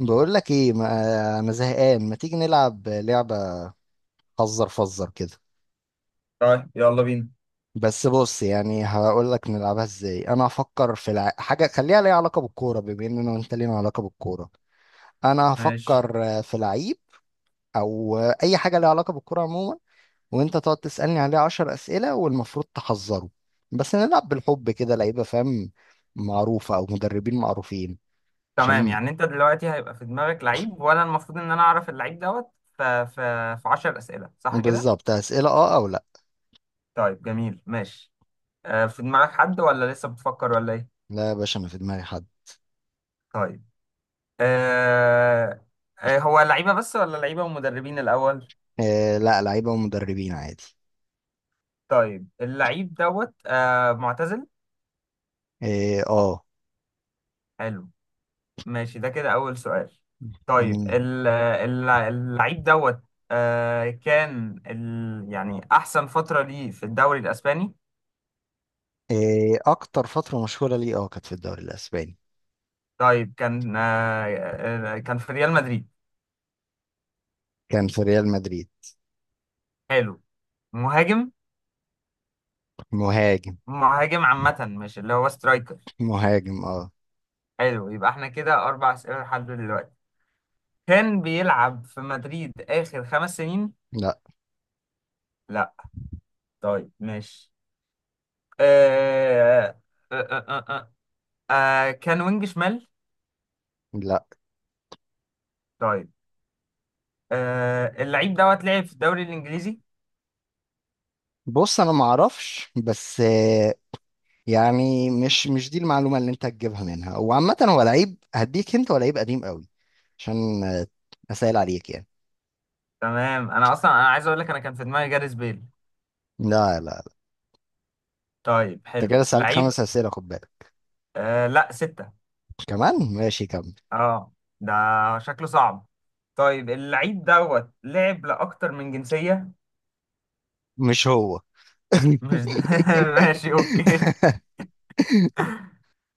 بقول لك ايه، ما انا زهقان، ما تيجي نلعب لعبة فزر فزر كده. طيب يلا بينا. بس بص، يعني هقول لك نلعبها ازاي. انا هفكر في حاجة خليها ليها علاقة بالكورة، بما ان انا وانت لينا علاقة بالكورة. انا ماشي. هفكر في لعيب او اي حاجة ليها علاقة بالكورة عموما، وانت تقعد تسألني عليه عشر أسئلة والمفروض تحذره. بس نلعب بالحب كده، لعيبة فاهم؟ معروفة او مدربين معروفين. تمام، عشان يعني انت دلوقتي هيبقى في دماغك لعيب وانا المفروض ان انا اعرف اللعيب دوت في 10 اسئله، صح كده؟ بالظبط. أسئلة اه او لا. طيب جميل، ماشي. في دماغك حد ولا لسه بتفكر ولا ايه؟ لا يا باشا، انا في دماغي حد. طيب. آه، هو لعيبه بس ولا لعيبه ومدربين الاول؟ آه لا، لعيبة ومدربين عادي. طيب اللعيب دوت معتزل. اه آه. حلو. ماشي، ده كده اول سؤال. طيب مم. اللعيب دوت كان يعني احسن فتره ليه في الدوري الاسباني؟ آه، اكتر فترة مشهورة ليه اه كانت في الدوري الاسباني. طيب كان كان في ريال مدريد. كان في ريال مدريد. حلو. مهاجم. مهاجم. مهاجم عامة مش اللي هو سترايكر. مهاجم اه. حلو، يبقى احنا كده أربع أسئلة لحد دلوقتي. كان بيلعب في مدريد آخر خمس سنين؟ لا. لا. طيب ماشي. آه... آه... آه... آه... آه... كان وينج شمال؟ لا، طيب. اللعيب دوت لعب في الدوري الإنجليزي؟ بص انا ما اعرفش، بس آه، يعني مش دي المعلومة اللي انت هتجيبها منها، وعامة هو لعيب هديك انت، هو لعيب قديم قوي. عشان اسهل عليك يعني. تمام، أنا أصلا أنا عايز أقول لك أنا كان في دماغي جاريث بيل. لا لا لا. طيب انت كده حلو، سألت لعيب. خمس اسئلة، خد بالك. لا، ستة. كمان ماشي، كمل. اه. ده شكله صعب. طيب اللعيب دوت لعب لأكتر من جنسية؟ مش هو. مش د... ماشي، اوكي.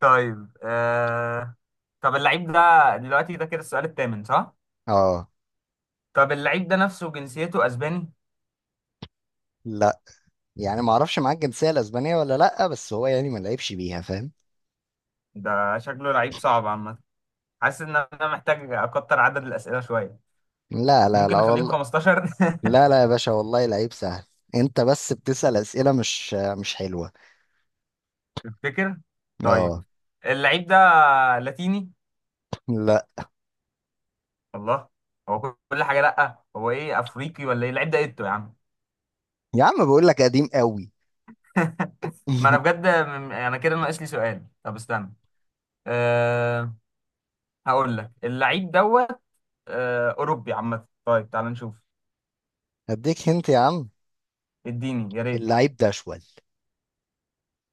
طيب طب اللعيب ده، دلوقتي ده كده السؤال الثامن صح؟ اه طب اللعيب ده نفسه جنسيته اسباني؟ لا، يعني ما اعرفش معاه الجنسيه الاسبانيه ولا لا، بس هو يعني ما لعبش بيها فاهم. ده شكله لعيب صعب عامة. حاسس ان انا محتاج اكتر عدد الأسئلة شوية. لا لا ممكن لا نخليهم والله. 15 لا لا يا باشا، والله لعيب سهل. انت بس بتسأل اسئله مش حلوه. تفتكر؟ طيب. اه. اللعيب ده لاتيني؟ لا الله. هو كل حاجة لأ، هو ايه، افريقي ولا ايه اللعيب ده ايه يا عم؟ يا عم، بقول لك قديم قوي. ما انا بجد، انا كده ناقص لي سؤال، طب استنى. أه، هقول لك اللعيب دوت أه اوروبي عامه. طيب تعال نشوف. اديك هنت يا عم. اديني يا ريت. اللعيب ده اشول.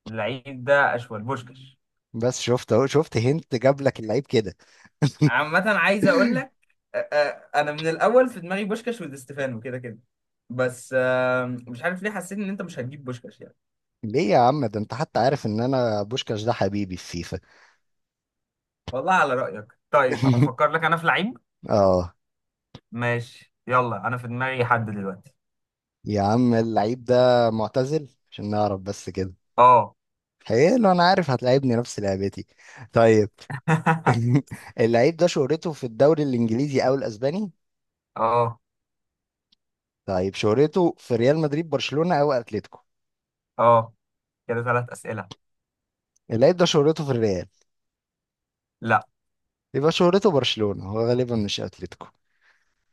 اللعيب ده اشول بوشكش. بس شفت اهو، شفت هنت جاب لك اللعيب كده. عامه عايز اقول لك، أه انا من الاول في دماغي بوشكش ودي ستيفانو كده كده. بس أه مش عارف ليه حسيت ان انت مش هتجيب بوشكش يعني. ليه يا عم؟ ده انت حتى عارف ان انا بوشكاش ده حبيبي في فيفا. والله على رايك. طيب افكر لك انا في لعيب. اه. ماشي يلا، انا في دماغي حد دلوقتي. يا عم اللعيب ده معتزل، عشان نعرف بس كده. اه. حلو، انا عارف هتلاعبني نفس لعبتي. طيب. اللعيب ده شهرته في الدوري الانجليزي او الاسباني؟ اه. طيب، شهرته في ريال مدريد، برشلونة او اتلتيكو؟ اه. كده ثلاث اسئله. اللعيب ده شهرته في الريال. لا. يبقى شهرته برشلونة، هو غالبا مش اتلتيكو.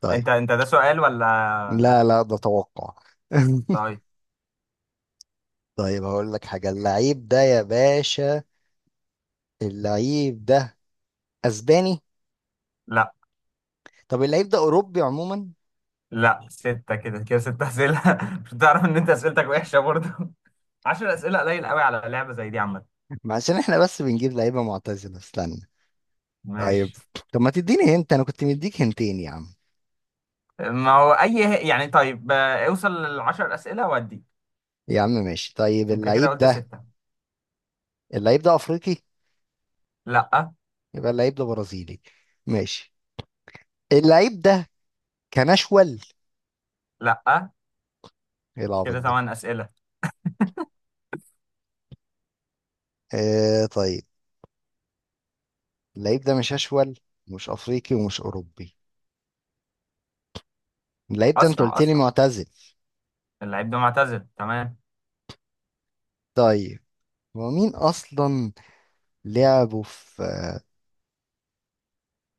طيب. انت انت ده سؤال ولا؟ لا لا، ده توقع. طيب. طيب هقول لك حاجة، اللعيب ده يا باشا، اللعيب ده اسباني؟ لا، طب اللعيب ده اوروبي عموما؟ لا ستة، كده كده ستة أسئلة مش بتعرف إن أنت أسئلتك وحشة برضه عشر أسئلة قليل قوي على لعبة زي دي عامة. ما عشان احنا بس بنجيب لعيبة معتزلة، استنى. طيب. ماشي. طب ما تديني هنت، انا كنت مديك هنتين يا عم. ما هو أي يعني، طيب اوصل للعشر أسئلة وأدي. يا عم ماشي. طيب أنت كده اللعيب قلت ده، ستة. اللعيب ده افريقي؟ لا. يبقى اللعيب ده برازيلي. ماشي. اللعيب ده كان اشول؟ لا ايه العبط كده ده؟ ثمان أسئلة. آه طيب. اللعيب ده مش اشول، مش افريقي ومش اوروبي. اللعيب ده انت أسرع قلت لي أسرع. معتزل. اللعيب ده معتزل، تمام. طيب. هو مين اصلا؟ لعبه في.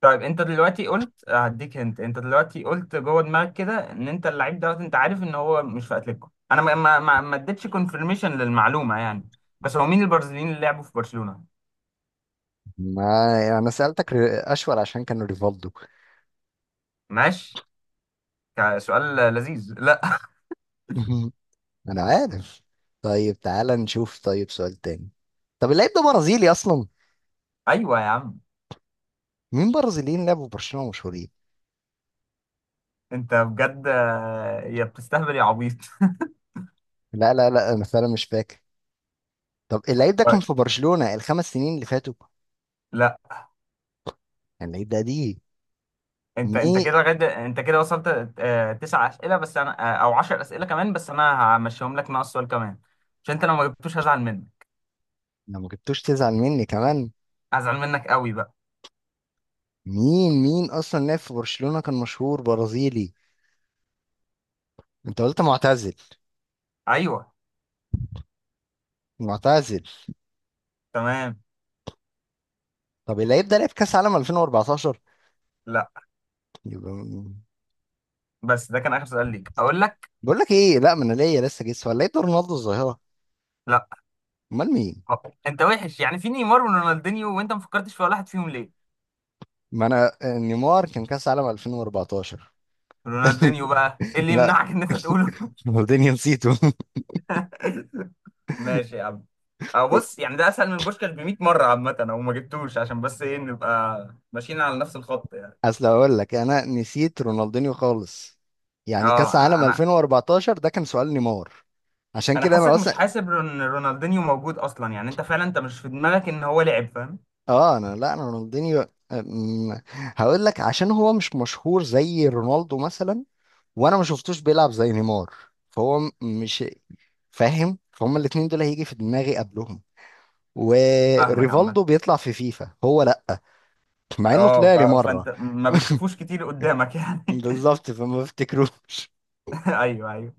طيب انت دلوقتي قلت هديك، انت انت دلوقتي قلت جوه دماغك كده ان انت اللعيب دوت، انت عارف ان هو مش في اتلتيكو، انا ما اديتش كونفirmation للمعلومه يعني. بس هو مين البرازيليين اللي لعبوا في برشلونه؟ ما يعني انا سألتك اشول عشان كان ريفالدو. ماشي. سؤال لذيذ لا انا عارف. طيب تعالى نشوف، طيب سؤال تاني. طب اللعيب ده برازيلي اصلا. ايوه يا عم. مين برازيليين لعبوا في برشلونة مشهورين؟ انت بجد، يا بتستهبل يا عبيط لا لا لا، انا فعلا مش فاكر. طب اللعيب ده كان طيب. في برشلونة الخمس سنين اللي فاتوا؟ لا. كان اللعيب ده دي؟ انت انت مين؟ كده لغايه، انت كده وصلت تسع اسئله بس انا او 10 اسئله، كمان بس انا همشيهم لك ناقص سؤال كمان، عشان انت لو ما جبتوش هزعل منك. لو ما جبتوش تزعل مني كمان. هزعل منك قوي بقى. مين مين اصلا لعب في برشلونة كان مشهور برازيلي؟ انت قلت معتزل. ايوه. معتزل. تمام. طب اللعيب ده لعب كاس عالم 2014؟ لا، يبقى بس ده كان اخر سؤال ليك اقول لك. بقول لك ايه، لا ما انا ليا لسه جيس، ولا اللعيب ده رونالدو الظاهرة؟ لا. امال مين؟ أه. انت وحش يعني، في نيمار ورونالدينيو وانت ما فكرتش في ولا واحد فيهم ليه؟ ما انا نيمار كان كاس عالم 2014. رونالدينيو بقى ايه اللي لا، يمنعك ان انت تقوله؟ رونالدينيو نسيته. ماشي يا عم. أه بص يعني، ده اسهل من بوشكاش ب 100 مره عامه، او ما جبتوش عشان بس ايه نبقى ماشيين على نفس الخط يعني. اصل اقول لك انا نسيت رونالدينيو خالص، يعني اه كاس عالم انا، 2014 ده كان سؤال نيمار، عشان انا كده انا حاسك مش اصلا. حاسب ان رونالدينيو موجود اصلا، يعني انت فعلا انت مش في دماغك ان هو لعب فاهم. اه انا، لا انا رونالدينيو، هقول لك عشان هو مش مشهور زي رونالدو مثلا، وانا ما شفتوش بيلعب زي نيمار، مش فاهم. فهم الاتنين دول هيجي في دماغي قبلهم، فاهمك عامه. وريفالدو بيطلع في فيفا هو لا، مع انه اه طلع لي مره. فانت ما بتشوفوش كتير قدامك يعني. بالظبط، فما افتكروش. ايوه ايوه.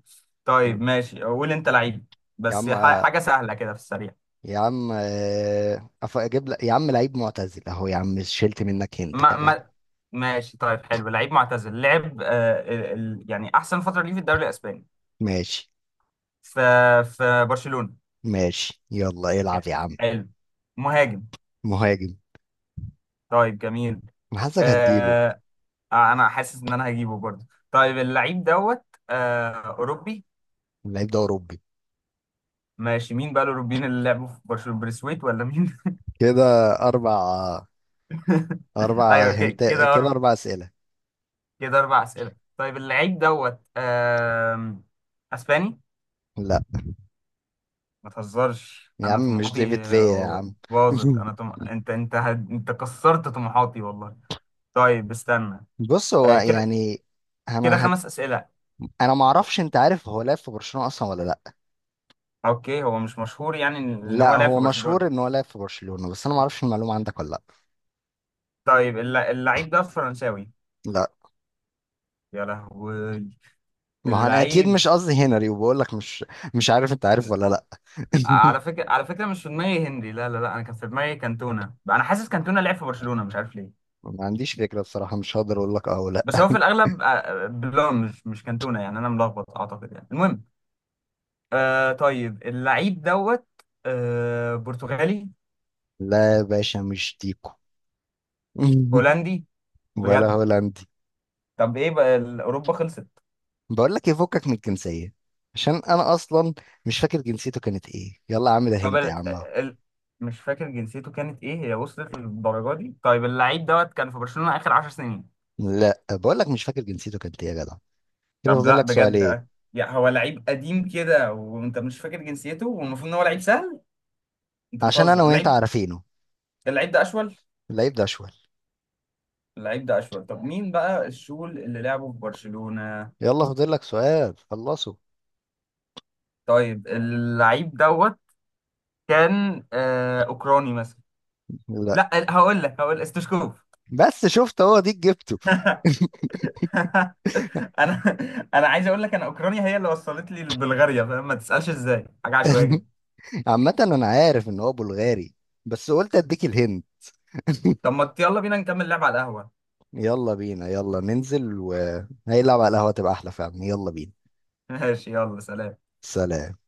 طيب ماشي، قول انت لعيب. يا بس عم، حاجه سهله كده في السريع. يا عم اجيب لك يا عم لعيب معتزل اهو يا عم، شلت منك هنت ما كمان. ما ماشي. طيب حلو، لعيب معتزل، لعب آه يعني احسن فتره ليه في الدوري الاسباني. ماشي. في، في برشلونه. ماشي يلا العب يا عم. حلو. مهاجم. مهاجم. طيب جميل. أنا حاسسك هتجيبه. آه. انا حاسس ان انا هجيبه برضه. طيب اللعيب دوت آه اوروبي. اللعيب ده اوروبي. ماشي، مين بقى الاوروبيين اللي لعبوا في برشلونه، بريسويت ولا مين؟ كده اربع، اربع ايوه كده هنت، كده كده. اربع اسئله. كده أربع أسئلة. طيب اللعيب دوت أسباني. لا ما تهزرش، يا أنا عم، مش طموحاتي ديفيد فيا يا عم. باظت، أنا أنت أنت أنت كسرت طموحاتي والله. طيب استنى. بص هو كده، يعني، كده انا خمس أسئلة. انا ما اعرفش انت عارف هو لعب في برشلونه اصلا ولا لا. أوكي هو مش مشهور يعني إن لا هو لعب هو في مشهور برشلونة. ان هو لعب في برشلونه، بس انا ما اعرفش المعلومه عندك ولا لا. طيب اللعيب ده فرنساوي؟ لا. يا لهوي. ما هو انا اكيد اللعيب. مش قصدي هنري، وبقول لك مش مش عارف انت عارف ولا لا. على فكرة، على فكرة مش في دماغي هنري، لا لا لا، أنا كان في دماغي كانتونا، أنا حاسس كانتونا لعب في برشلونة مش عارف ليه. ما عنديش فكرة بصراحة، مش هقدر اقول لك اه ولا بس هو في الاغلب بلون، مش مش كانتونا يعني، انا ملخبط اعتقد، يعني المهم. آه طيب اللعيب دوت آه برتغالي؟ لا. يا باشا مش ديكو. هولندي؟ ولا بجد؟ هولندي. طب ايه بقى، اوروبا خلصت؟ بقول لك يفكك من الجنسية، عشان انا اصلا مش فاكر جنسيته كانت ايه. يلا يا عم، ده طب هنت يا عم اهو. مش فاكر جنسيته كانت ايه، هي وصلت للدرجه دي؟ طيب اللعيب دوت كان في برشلونة اخر 10 سنين؟ لا بقول لك مش فاكر جنسيته كانت ايه يا جدع. كده طب فاضل لا لك بجد، سؤالين. يعني هو لعيب قديم كده وانت مش فاكر جنسيته والمفروض ان هو لعيب سهل. انت عشان انا بتهزر. وانت اللعيب. عارفينه. اللعيب ده اشول. اللعيب ده اشول. اللعيب ده اشول، طب مين بقى الشول اللي لعبه في برشلونة؟ يلا فاضل لك سؤال، خلصه. طيب اللعيب دوت كان آه اوكراني مثلا. لا. لا هقول لك، هقول استشكوف. بس شفت، هو ديك جبته. انا، انا عايز اقول لك، انا اوكرانيا هي اللي وصلت لي بلغاريا فاهم، ما تسالش ازاي، حاجه عشوائيه جدا. عامة انا عارف ان هو بلغاري، بس قلت اديك الهند. طب ما يلا بينا نكمل لعب على القهوه. يلا بينا، يلا ننزل وهيلعب على القهوة تبقى احلى فعلا. يلا بينا. ماشي، يلا سلام. سلام.